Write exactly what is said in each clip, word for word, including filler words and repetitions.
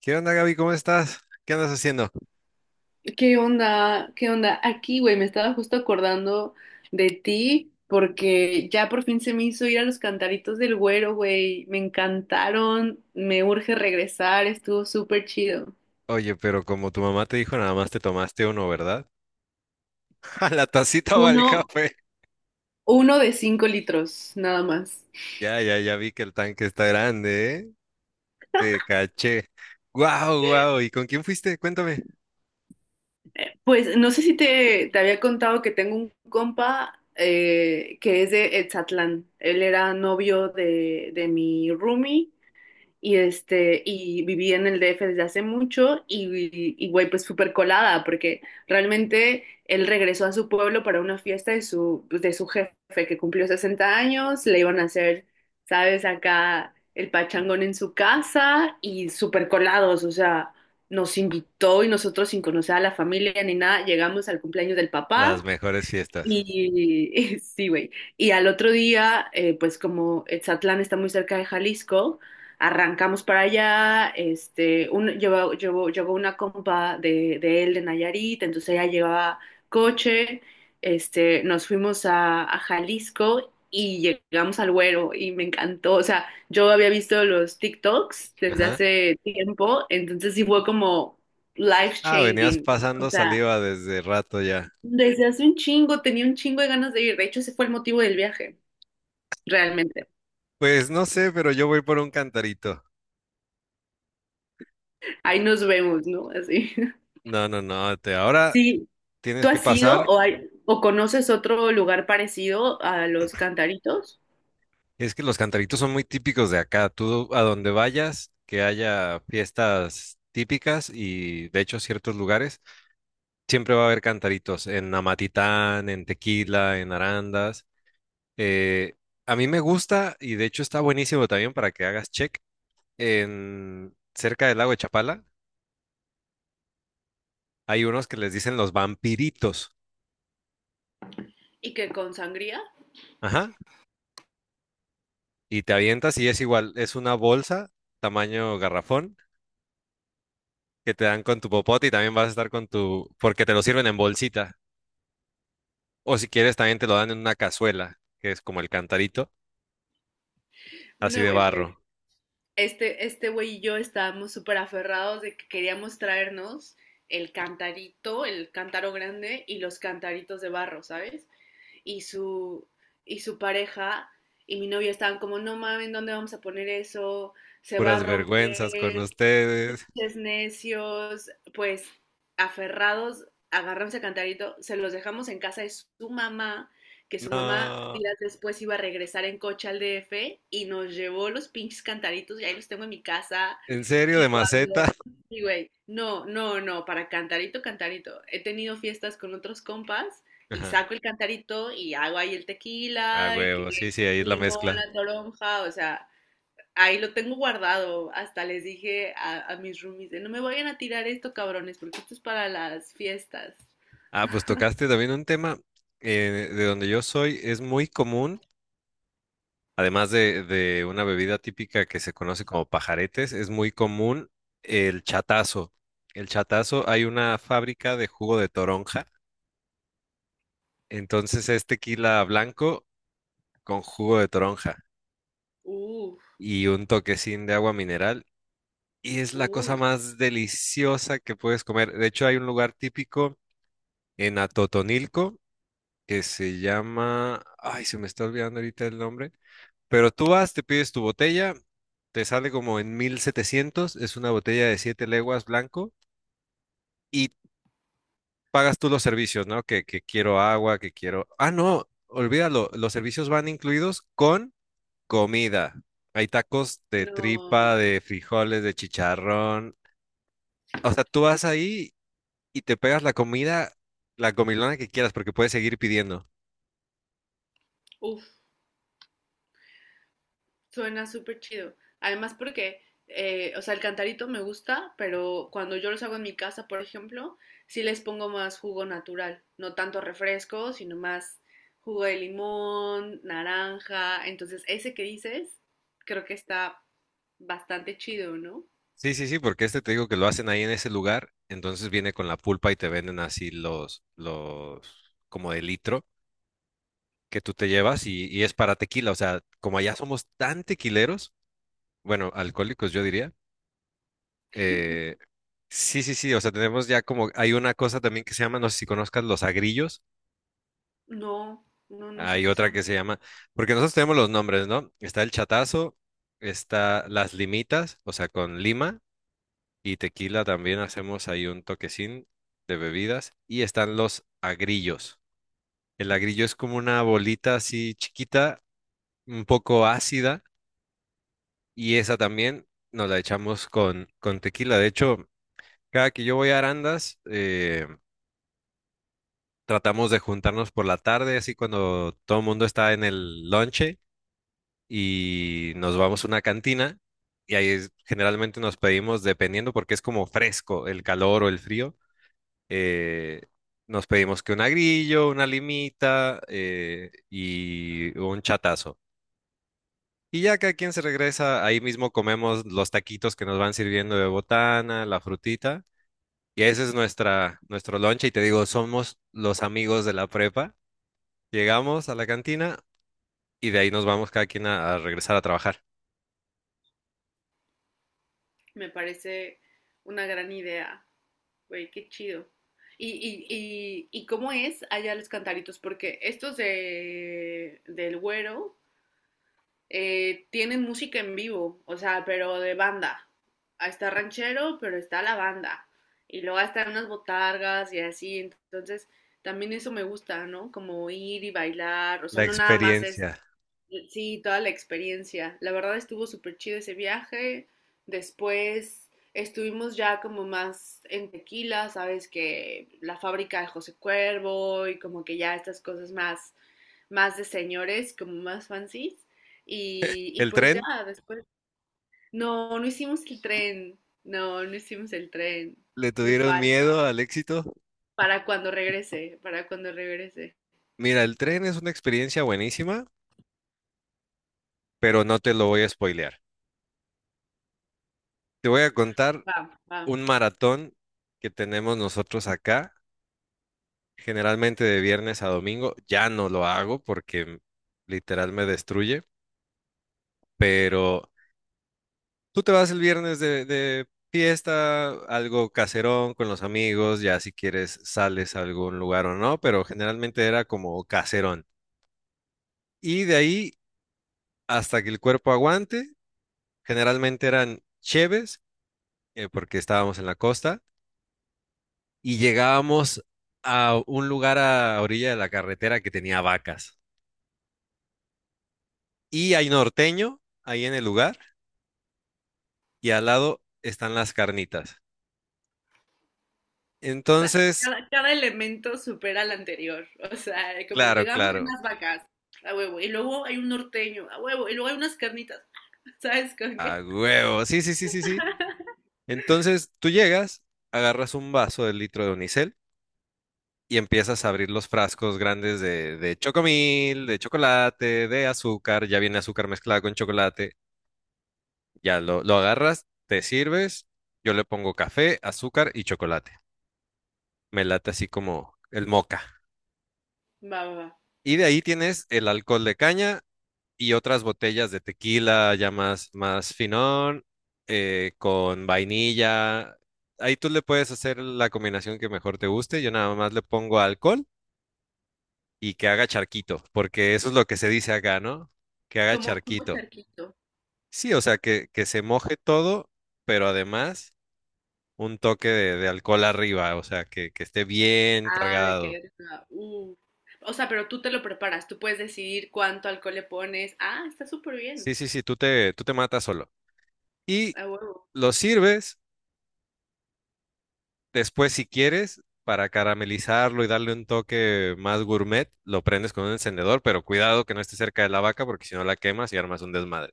¿Qué onda, Gaby? ¿Cómo estás? ¿Qué andas haciendo? ¿Qué onda? ¿Qué onda? Aquí, güey, me estaba justo acordando de ti porque ya por fin se me hizo ir a los cantaritos del Güero, güey. Me encantaron, me urge regresar, estuvo súper chido. Oye, pero como tu mamá te dijo, nada más te tomaste uno, ¿verdad? A la tacita o al Uno, café. uno de cinco litros, nada más. Ya, ya, ya vi que el tanque está grande, ¿eh? Te caché. ¡Guau, guau! ¿Y con quién fuiste? Cuéntame. Pues no sé si te, te había contado que tengo un compa eh, que es de Etzatlán. Él era novio de, de mi roomie. Y este, y viví en el D F desde hace mucho y, y güey, pues súper colada, porque realmente él regresó a su pueblo para una fiesta de su, pues, de su jefe, que cumplió sesenta años. Le iban a hacer, sabes, acá el pachangón en su casa y súper colados, o sea, nos invitó y nosotros sin conocer a la familia ni nada, llegamos al cumpleaños del Las papá mejores fiestas. y sí, güey. Y al otro día, eh, pues como Etzatlán está muy cerca de Jalisco, arrancamos para allá. Este, un, llevó, llevó- llegó una compa de, de él, de Nayarit, entonces ella llevaba coche. Este, nos fuimos a, a Jalisco y llegamos al Güero y me encantó. O sea, yo había visto los TikToks desde Ajá. hace tiempo, entonces sí fue como life Ah, venías changing. O pasando sea. saliva desde rato ya. Desde hace un chingo, tenía un chingo de ganas de ir. De hecho, ese fue el motivo del viaje, realmente. Pues no sé, pero yo voy por un cantarito. Ahí nos vemos, ¿no? Así. No, no, no. Te, ahora Sí, tienes ¿tú que has ido pasar. o, hay- o conoces otro lugar parecido a los cantaritos? Es que los cantaritos son muy típicos de acá. Tú a donde vayas, que haya fiestas típicas y de hecho ciertos lugares, siempre va a haber cantaritos en Amatitán, en Tequila, en Arandas. Eh, a mí me gusta y de hecho está buenísimo también para que hagas check. En cerca del lago de Chapala hay unos que les dicen los vampiritos. ¿Y que con sangría? Ajá. Y te avientas y es igual, es una bolsa tamaño garrafón que te dan con tu popote y también vas a estar con tu, porque te lo sirven en bolsita. O si quieres, también te lo dan en una cazuela, que es como el cantarito, así No, de güey, pues barro. este, este güey y yo estábamos súper aferrados de que queríamos traernos el cantarito, el cántaro grande y los cantaritos de barro, ¿sabes? y su, y su pareja y mi novia estaban como, no mames, ¿dónde vamos a poner eso? Se va a Puras vergüenzas con romper. ustedes. Pinches necios, pues aferrados, agarramos el cantarito, se los dejamos en casa de su mamá, que su mamá No, días después iba a regresar en coche al D F y nos llevó los pinches cantaritos y ahí los tengo en mi casa. ¿en serio? ¿De Y cuando, maceta? y güey, no, no, no, para cantarito, cantarito. He tenido fiestas con otros compas y Ajá. saco el cantarito y hago ahí el Ah, tequila y que huevo, sí, sí, ahí es la limón, mezcla. la toronja, o sea, ahí lo tengo guardado. Hasta les dije a, a mis roomies, no me vayan a tirar esto, cabrones, porque esto es para las fiestas. Ah, pues tocaste también un tema eh, de donde yo soy, es muy común, además de, de una bebida típica que se conoce como pajaretes, es muy común el chatazo. El chatazo, hay una fábrica de jugo de toronja, entonces es tequila blanco con jugo de toronja. Uf, Y un toquecín de agua mineral. Y es la cosa uy, más deliciosa que puedes comer. De hecho, hay un lugar típico en Atotonilco que se llama... Ay, se me está olvidando ahorita el nombre. Pero tú vas, te pides tu botella, te sale como en mil setecientos, es una botella de siete leguas blanco y pagas tú los servicios, ¿no? Que, que quiero agua, que quiero... Ah, no, olvídalo, los servicios van incluidos con comida. Hay tacos de tripa, no. de frijoles, de chicharrón. O sea, tú vas ahí y te pegas la comida, la comilona que quieras, porque puedes seguir pidiendo. Uf, suena súper chido. Además porque, eh, o sea, el cantarito me gusta, pero cuando yo los hago en mi casa, por ejemplo, sí les pongo más jugo natural. No tanto refresco, sino más jugo de limón, naranja. Entonces, ese que dices, creo que está bastante chido, ¿no? Sí, sí, sí, porque este te digo que lo hacen ahí en ese lugar, entonces viene con la pulpa y te venden así los, los, como de litro que tú te llevas y, y es para tequila. O sea, como allá somos tan tequileros, bueno, alcohólicos yo diría, eh, sí, sí, sí, o sea, tenemos ya como, hay una cosa también que se llama, no sé si conozcas, los agrillos. No, no, no sé Hay qué otra son. que se llama, porque nosotros tenemos los nombres, ¿no? Está el chatazo, está las limitas, o sea, con lima y tequila también hacemos ahí un toquecín de bebidas y están los agrillos. El agrillo es como una bolita así chiquita, un poco ácida y esa también nos la echamos con, con, tequila. De hecho, cada que yo voy a Arandas, eh, tratamos de juntarnos por la tarde, así cuando todo el mundo está en el lonche y nos vamos a una cantina y ahí es- generalmente nos pedimos, dependiendo porque es como fresco el calor o el frío, eh, nos pedimos que un agrillo, una limita eh, y un chatazo. Y ya cada quien se regresa, ahí mismo comemos los taquitos que nos van sirviendo de botana, la frutita. Y ese es nuestra, nuestro lonche. Y te digo, somos los amigos de la prepa. Llegamos a la cantina y de ahí nos vamos cada quien a a regresar a trabajar. Me parece una gran idea, güey, qué chido. ¿Y, y, y, y cómo es allá los cantaritos? Porque estos de, del Güero, eh, tienen música en vivo, o sea, pero de banda. Ah, está ranchero, pero está la banda. Y luego están unas botargas y así. Entonces, también eso me gusta, ¿no? Como ir y bailar. O sea, La no nada más es, experiencia. sí, toda la experiencia. La verdad estuvo súper chido ese viaje. Después estuvimos ya como más en Tequila, sabes, que la fábrica de José Cuervo y como que ya estas cosas más, más de señores, como más fancies. Y, y El pues ya tren, después, no, no hicimos el tren, no, no hicimos el tren. le Me tuvieron miedo falta. al éxito. Para cuando regrese, para cuando regrese. Mira, el tren es una experiencia buenísima, pero no te lo voy a spoilear. Te voy a contar Vamos, vamos. un maratón que tenemos nosotros acá, generalmente de viernes a domingo. Ya no lo hago porque literal me destruye, pero tú te vas el viernes de, de, fiesta, algo caserón con los amigos, ya si quieres sales a algún lugar o no, pero generalmente era como caserón. Y de ahí hasta que el cuerpo aguante. Generalmente eran cheves, eh, porque estábamos en la costa, y llegábamos a un lugar a orilla de la carretera que tenía vacas. Y hay norteño ahí en el lugar, y al lado están las carnitas. Sea, Entonces, cada, cada elemento supera al anterior. O sea, como claro, llegamos de claro, unas vacas, a huevo, y luego hay un norteño, a huevo, y luego hay unas carnitas, ¿sabes con a qué? huevo, sí, sí, sí, sí, sí. Entonces tú llegas, agarras un vaso del litro de unicel y empiezas a abrir los frascos grandes de, de chocomil, de chocolate, de azúcar, ya viene azúcar mezclada con chocolate. Ya lo, lo agarras, te sirves, yo le pongo café, azúcar y chocolate. Me late así como el moca. Va, va, va. Y de ahí tienes el alcohol de caña y otras botellas de tequila ya más, más finón, eh, con vainilla. Ahí tú le puedes hacer la combinación que mejor te guste. Yo nada más le pongo alcohol y que haga charquito, porque eso es lo que se dice acá, ¿no? Que haga Como, como charquito. charquito. Sí, o sea, que, que se moje todo, pero además un toque de, de alcohol arriba, o sea, que, que esté bien Ah, me cargado. quedé desnuda, Uh. O sea, pero tú te lo preparas, tú puedes decidir cuánto alcohol le pones. Ah, está súper bien. Sí, sí, sí, tú te, tú te matas solo. Y A huevo. lo sirves después, si quieres, para caramelizarlo y darle un toque más gourmet, lo prendes con un encendedor, pero cuidado que no esté cerca de la vaca, porque si no la quemas y armas un desmadre.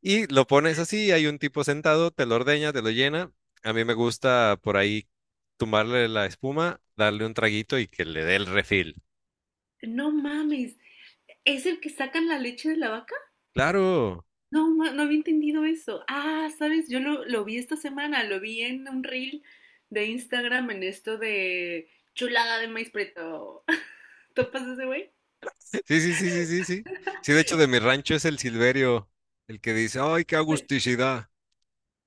Y lo pones así, hay un tipo sentado, te lo ordeña, te lo llena. A mí me gusta por ahí tumbarle la espuma, darle un traguito y que le dé el refil. No mames, es el que sacan la leche de la vaca. Claro. No, ma- no había entendido eso. Ah, sabes, yo lo, lo vi esta semana, lo vi en un reel de Instagram en esto de chulada de maíz preto. ¿Topas ese güey? Sí, sí, sí, sí, sí, sí. Sí, de hecho, de mi rancho es el Silverio el que dice, ¡ay, qué Pues, agusticidad!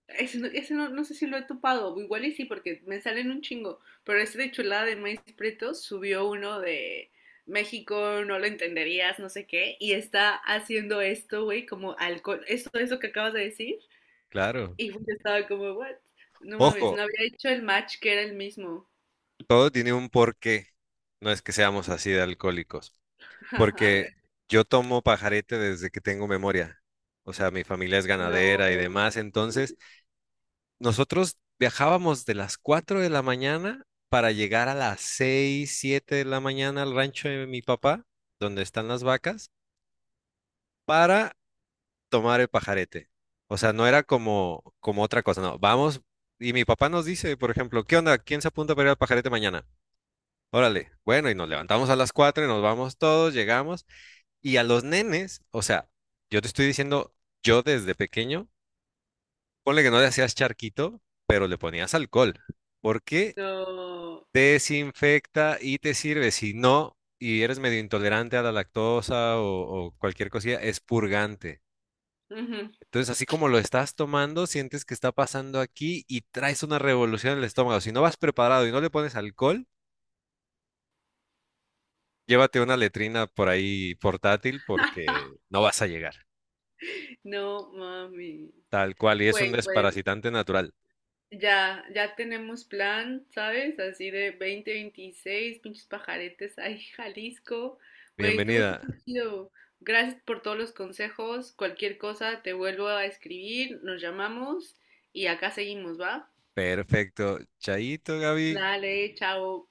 ese, no, ese no, no sé si lo he topado, igual y sí, porque me salen un chingo. Pero ese de chulada de maíz preto subió uno de México, no lo entenderías, no sé qué, y está haciendo esto, güey, como alcohol, eso, eso que acabas de decir. Claro. Y yo estaba como, what? No mames, no Ojo, había hecho el match que era el mismo. todo tiene un porqué. No es que seamos así de alcohólicos. Porque yo tomo pajarete desde que tengo memoria. O sea, mi familia es ganadera y No, demás. Entonces, nosotros viajábamos de las cuatro de la mañana para llegar a las seis siete de la mañana al rancho de mi papá, donde están las vacas, para tomar el pajarete. O sea, no era como, como otra cosa, no. Vamos, y mi papá nos dice, por ejemplo, ¿qué onda? ¿Quién se apunta para ir al pajarete mañana? Órale, bueno, y nos levantamos a las cuatro y nos vamos todos, llegamos. Y a los nenes, o sea, yo te estoy diciendo, yo desde pequeño, ponle que no le hacías charquito, pero le ponías alcohol. Porque no, desinfecta y te sirve. Si no, y eres medio intolerante a la lactosa o, o cualquier cosilla, es purgante. ujú. Entonces, así como lo estás tomando, sientes que está pasando aquí y traes una revolución en el estómago. Si no vas preparado y no le pones alcohol, llévate una letrina por ahí portátil porque no vas a llegar. No, mami. Tal cual, y es un Güey, pues desparasitante natural. ya, ya tenemos plan, ¿sabes? Así de veinte veintiséis pinches pajaretes ahí, Jalisco. Güey, estuvo Bienvenida. súper chido. Gracias por todos los consejos. Cualquier cosa, te vuelvo a escribir, nos llamamos y acá seguimos, ¿va? Perfecto. Chaito, Gaby. Dale, chao.